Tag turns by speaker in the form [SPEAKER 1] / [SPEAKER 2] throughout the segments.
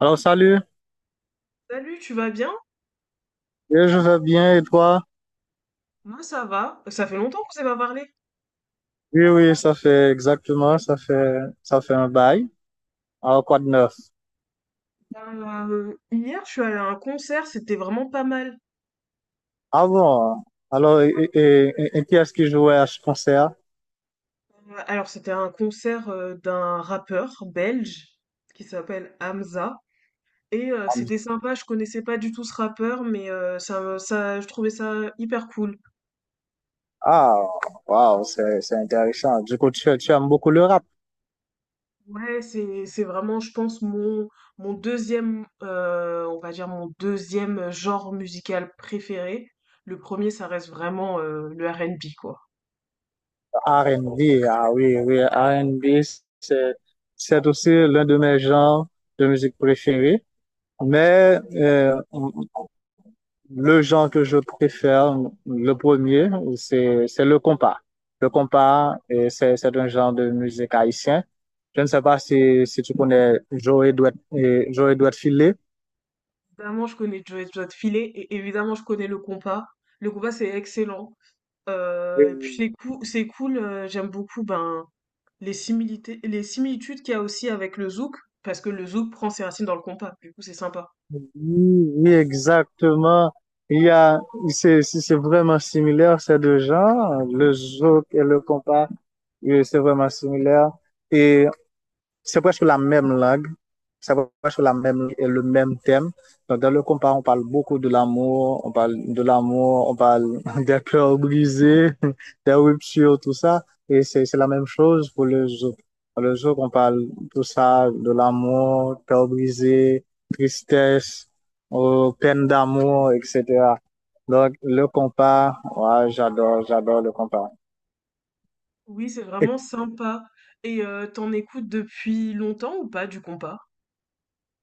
[SPEAKER 1] Alors, salut.
[SPEAKER 2] Salut, tu vas bien?
[SPEAKER 1] Oui, je vais bien, et toi?
[SPEAKER 2] Moi ça va. Ça fait longtemps qu'on s'est pas parlé.
[SPEAKER 1] Oui, oui, ça fait exactement, ça fait un bail. Alors, quoi de neuf?
[SPEAKER 2] Hier, je suis allée à un concert, c'était vraiment pas mal.
[SPEAKER 1] Ah bon? Alors, et qui est-ce qui jouait à ce concert?
[SPEAKER 2] Alors, c'était un concert d'un rappeur belge qui s'appelle Hamza. Et c'était sympa, je connaissais pas du tout ce rappeur, mais je trouvais ça hyper cool.
[SPEAKER 1] Ah, waouh, c'est intéressant. Du coup, tu aimes beaucoup le rap.
[SPEAKER 2] Ouais, c'est vraiment, je pense, mon deuxième, on va dire mon deuxième genre musical préféré. Le premier, ça reste vraiment le R&B, quoi.
[SPEAKER 1] R&B. Ah oui, oui, R&B, c'est, c'est aussi l'un de mes genres de musique préférés. Mais euh, Le genre que je préfère, le premier, c'est le compas. Le compas, et c'est un genre de musique haïtien. Je ne sais pas si tu connais Joey Douet et Joey Douet Filé.
[SPEAKER 2] Évidemment, je connais Joe Filet et évidemment, je connais le compas. Le compas, c'est excellent. Et puis,
[SPEAKER 1] Et
[SPEAKER 2] c'est cool. J'aime beaucoup les similitudes qu'il y a aussi avec le zouk, parce que le zouk prend ses racines dans le compas. Du coup, c'est sympa.
[SPEAKER 1] oui, oui, exactement. Il y a c'est vraiment similaire, ces deux genres, le zouk et le compas. Oui, c'est vraiment similaire. Et c'est presque la même langue, c'est presque la même, le même thème. Donc, dans le compas, on parle beaucoup de l'amour, on parle de l'amour, on parle des cœurs brisés, des ruptures, tout ça. Et c'est la même chose pour le zouk. Dans le zouk, on parle tout ça, de l'amour, cœur brisé, tristesse, peine d'amour, etc. Donc, le compas, ouais, j'adore, j'adore le compas.
[SPEAKER 2] Oui, c'est
[SPEAKER 1] Et
[SPEAKER 2] vraiment sympa. Et t'en écoutes depuis longtemps ou pas du compas?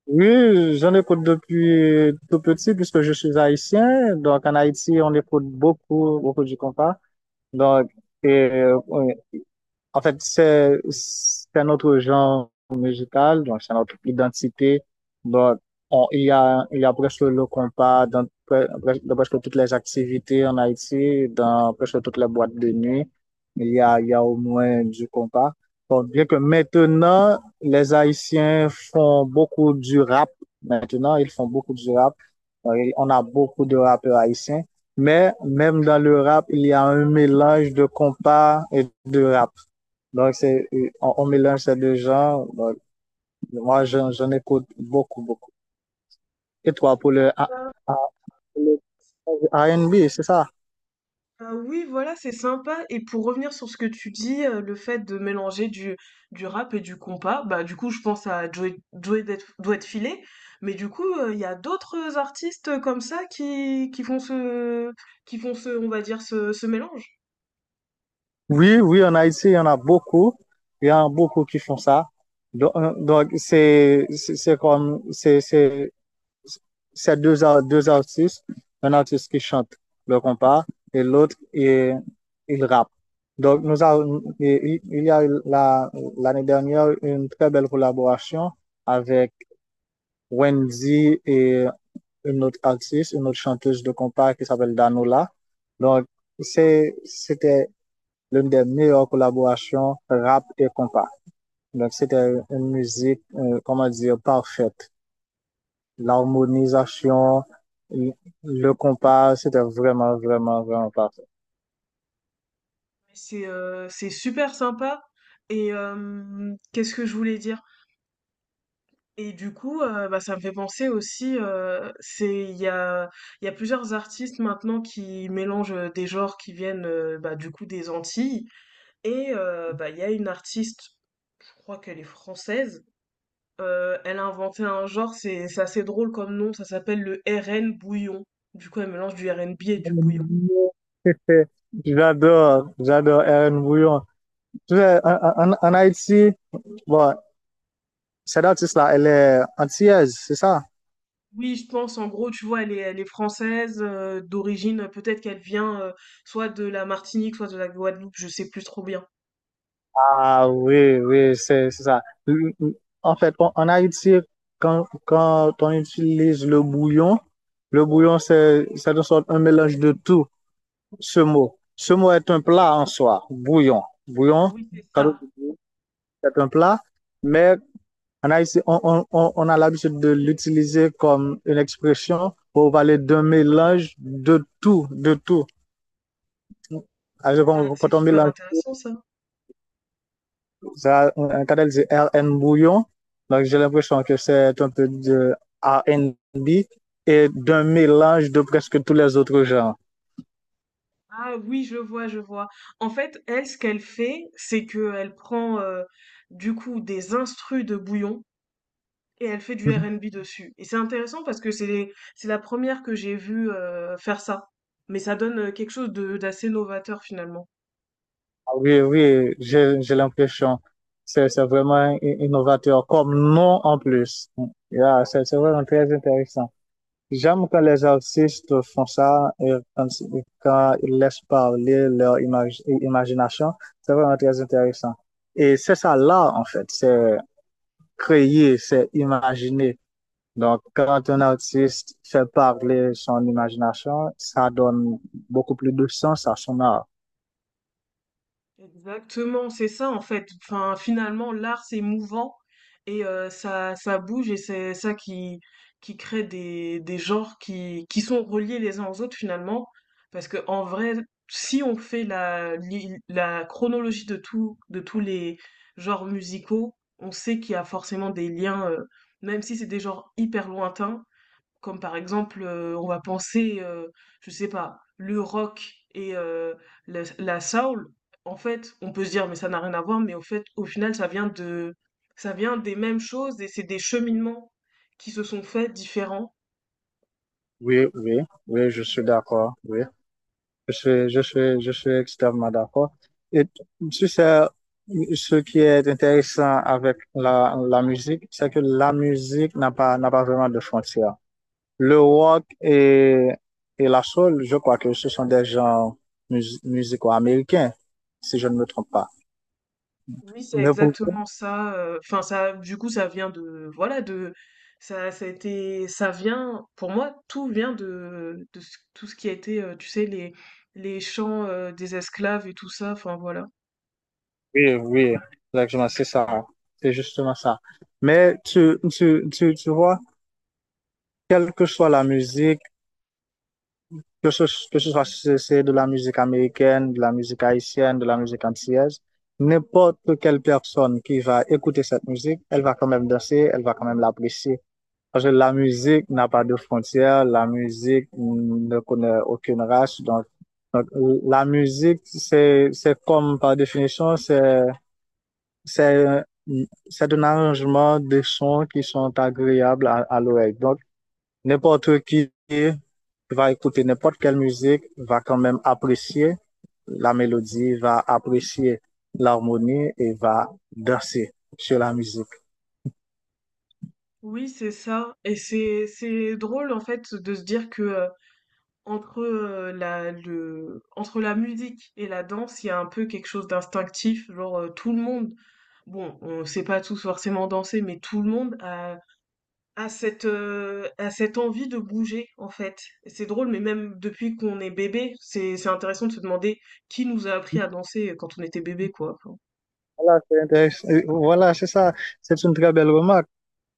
[SPEAKER 1] oui, j'en écoute depuis tout petit puisque je suis haïtien. Donc, en Haïti, on écoute beaucoup, beaucoup du compas. Donc, et, oui. En fait, c'est un autre genre musical, donc c'est notre identité. Donc, il y a presque le compas dans, pre- presque dans presque toutes les activités en Haïti, dans presque toutes les boîtes de nuit. Il y a au moins du compas. Bon, bien que maintenant, les Haïtiens font beaucoup du rap. Maintenant, ils font beaucoup du rap. Donc, on a beaucoup de rappeurs haïtiens. Mais même dans le rap, il y a un mélange de compas et de rap. Donc, c'est, on mélange ces deux genres. Donc, moi, j'en écoute beaucoup, beaucoup. Et toi, pour le, A- le R and b, c'est ça?
[SPEAKER 2] Bah, oui, voilà, c'est sympa. Et pour revenir sur ce que tu dis, le fait de mélanger du rap et du compas, bah du coup je pense à Doit Filé, mais du coup il y a d'autres artistes comme ça qui font ce on va dire ce mélange.
[SPEAKER 1] Oui, oui, en Haïti, il y en a beaucoup. Il y en a beaucoup qui font ça. Donc, donc, c'est comme, c'est deux, deux artistes. Un artiste qui chante le compas et l'autre, il rappe. Donc, il y a eu l'année dernière une très belle collaboration avec Wendy et une autre artiste, une autre chanteuse de compas qui s'appelle Danola. Donc, c'était l'une des meilleures collaborations rap et compas. Donc, c'était une musique, comment dire, parfaite. L'harmonisation, le compas, c'était vraiment, vraiment, vraiment parfait.
[SPEAKER 2] C'est super sympa. Et qu'est-ce que je voulais dire? Et du coup, ça me fait penser aussi, c'est il y a plusieurs artistes maintenant qui mélangent, des genres qui viennent, du coup des Antilles et bah, il y a une artiste, je crois qu'elle est française, elle a inventé un genre, c'est assez drôle comme nom, ça s'appelle le RN bouillon. Du coup, elle mélange du RnB et du bouillon.
[SPEAKER 1] J'adore, j'adore Erin Bouillon. Tu sais, en Haïti, bon, cette artiste-là, elle est antillaise, c'est ça?
[SPEAKER 2] Oui, je pense, en gros, tu vois, elle est française, d'origine, peut-être qu'elle vient, soit de la Martinique, soit de la Guadeloupe, je sais plus trop bien.
[SPEAKER 1] Ah oui, oui, c'est ça. En fait, en Haïti, quand on utilise le bouillon, c'est de sorte un mélange de tout, ce mot. Ce mot est un plat en soi, bouillon. Bouillon,
[SPEAKER 2] Oui, c'est
[SPEAKER 1] quand on
[SPEAKER 2] ça.
[SPEAKER 1] dit bouillon, c'est un plat, mais en Haïti, on a l'habitude de l'utiliser comme une expression pour parler d'un mélange de tout, de tout. Ah, je
[SPEAKER 2] Ça,
[SPEAKER 1] comprends.
[SPEAKER 2] c'est
[SPEAKER 1] Quand on
[SPEAKER 2] super
[SPEAKER 1] mélange
[SPEAKER 2] intéressant ça.
[SPEAKER 1] ça, un canal de R N Bouillon. Donc, j'ai l'impression que c'est un peu de R and B et d'un mélange de presque tous les autres genres.
[SPEAKER 2] Ah oui, je vois, je vois. En fait, elle, ce qu'elle fait, c'est que elle prend du coup des instrus de bouillon et elle fait du
[SPEAKER 1] Mhm.
[SPEAKER 2] R&B dessus. Et c'est intéressant parce que c'est la première que j'ai vue faire ça. Mais ça donne quelque chose de d'assez novateur finalement.
[SPEAKER 1] Ah oui, oui, j'ai l'impression. C'est vraiment innovateur comme nom en plus. Yeah, c'est vraiment très intéressant. J'aime quand les artistes font ça et quand, quand ils laissent parler leur imagination. C'est vraiment très intéressant. Et c'est ça là en fait. C'est, créer, c'est imaginer. Donc, quand un artiste fait parler son imagination, ça donne beaucoup plus de sens à son art.
[SPEAKER 2] Exactement, c'est ça en fait. Enfin, finalement, l'art c'est mouvant et ça bouge et c'est ça qui crée des genres qui sont reliés les uns aux autres finalement. Parce que en vrai, si on fait la chronologie de tout de tous les genres musicaux, on sait qu'il y a forcément des liens, même si c'est des genres hyper lointains. Comme par exemple, on va penser, je sais pas, le rock et la soul. En fait, on peut se dire, mais ça n'a rien à voir, mais au fait, au final, ça vient des mêmes choses et c'est des cheminements qui se sont faits différents.
[SPEAKER 1] Oui, oui, oui, je suis d'accord. Oui, je suis extrêmement d'accord. Et tu sais, ce qui est intéressant avec la musique, c'est que la musique n'a pas vraiment de frontières. Le rock et la soul, je crois que ce sont des genres musicaux américains, si je ne me trompe pas.
[SPEAKER 2] Oui, c'est
[SPEAKER 1] Mais pourquoi?
[SPEAKER 2] exactement ça. Enfin, du coup, ça vient de, voilà, de, ça vient, pour moi, tout vient tout ce qui a été, tu sais, les chants des esclaves et tout ça. Enfin, voilà.
[SPEAKER 1] Oui, oui, exactement, c'est ça. C'est justement ça. Mais tu vois, quelle que soit la musique, que ce, que ce soit, si c'est de la musique américaine, de la musique haïtienne, de la musique antillaise, n'importe quelle personne qui va écouter cette musique, elle va quand même danser, elle va quand même l'apprécier. Parce que la musique n'a pas de frontières, la musique ne connaît aucune race. Donc, la musique, c'est comme par définition, c'est un- c'est un arrangement de sons qui sont agréables à l'oreille. Donc, n'importe qui va écouter n'importe quelle musique, va quand même apprécier la mélodie, va apprécier l'harmonie et va danser sur la musique.
[SPEAKER 2] Oui, c'est ça et c'est drôle en fait de se dire que, entre la musique et la danse, il y a un peu quelque chose d'instinctif, genre, tout le monde, bon, on sait pas tous forcément danser, mais tout le monde a cette envie de bouger en fait. Et c'est drôle, mais même depuis qu'on est bébé, c'est intéressant de se demander qui nous a appris à danser, quand on était bébé quoi, enfin.
[SPEAKER 1] Voilà, c'est intéressant. Voilà, c'est ça. C'est une très belle remarque.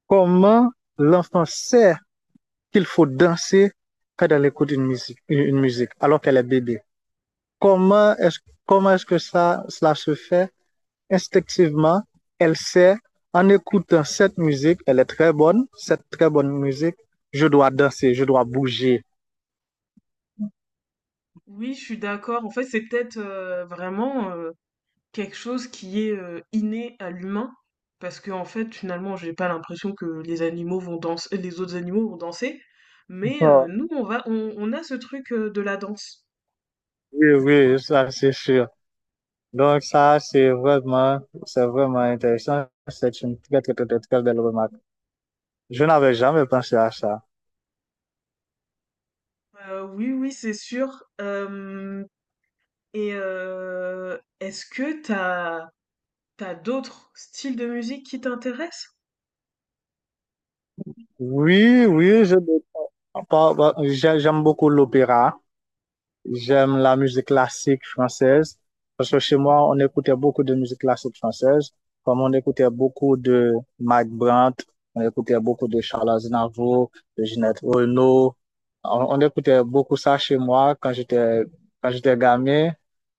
[SPEAKER 1] Comment l'enfant sait qu'il faut danser quand elle écoute une musique, une musique, alors qu'elle est bébé? Comment est-ce, comment est-ce que ça, cela se fait? Instinctivement, elle sait, en écoutant cette musique, elle est très bonne, cette très bonne musique, je dois danser, je dois bouger.
[SPEAKER 2] Oui, je suis d'accord. En fait, c'est peut-être, vraiment, quelque chose qui est, inné à l'humain, parce que en fait, finalement, j'ai pas l'impression que les autres animaux vont danser, mais
[SPEAKER 1] Oh,
[SPEAKER 2] nous, on a ce truc, de la danse.
[SPEAKER 1] oui, oui, ça c'est sûr. Donc ça, c'est vraiment intéressant. C'est une très, très, très, très, très belle remarque. Je n'avais jamais pensé à ça.
[SPEAKER 2] Oui, oui, c'est sûr, hem, et est-ce que t'as d'autres styles de musique qui t'intéressent?
[SPEAKER 1] Oui, oui, j'aime beaucoup l'opéra. J'aime la musique classique française parce que chez moi, on écoutait beaucoup de musique classique française, comme on écoutait beaucoup de Mike Brandt, on écoutait beaucoup de Charles Aznavour, de Ginette Renaud. On écoutait beaucoup ça chez moi quand j'étais gamin.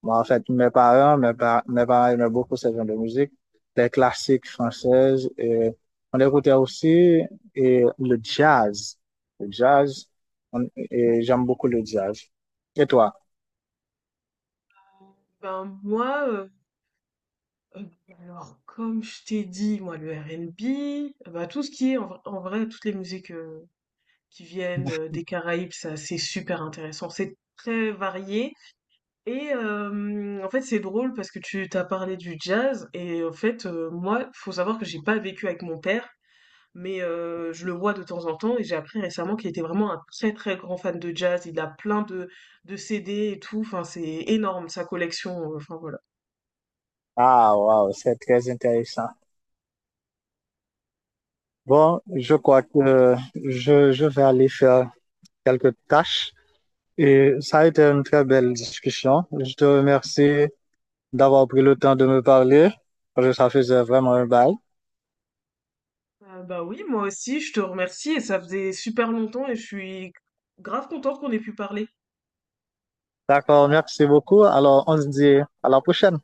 [SPEAKER 1] Moi, en fait, mes parents aimaient beaucoup ce genre de musique, les classiques françaises. Et on écoutait aussi et le jazz. Le jazz, et j'aime beaucoup le jazz. Et toi?
[SPEAKER 2] Ben, heu, alors, comme je t'ai dit, moi, le R&B, bah, tout ce qui est en vrai, toutes les musiques, qui viennent des Caraïbes, ça c'est super intéressant. C'est très varié et en fait c'est drôle parce que tu t'as parlé du jazz et en fait moi faut savoir que j'ai pas vécu avec mon père mais je le vois de temps en temps et j'ai appris récemment qu'il était vraiment un très très grand fan de jazz. Il a plein de CD et tout. Enfin c'est énorme sa collection. Enfin voilà.
[SPEAKER 1] Ah, waouh, c'est très intéressant. Bon, je crois que je vais aller faire quelques tâches et ça a été une très belle discussion. Je te remercie d'avoir pris le temps de me parler parce que ça faisait vraiment un bail.
[SPEAKER 2] Bah oui moi aussi je te remercie et ça faisait super longtemps et je suis grave contente qu'on ait pu parler.
[SPEAKER 1] D'accord, merci beaucoup. Alors, on se dit à la prochaine.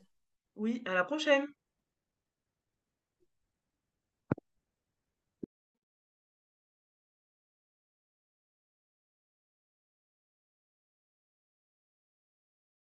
[SPEAKER 2] Oui, à la prochaine.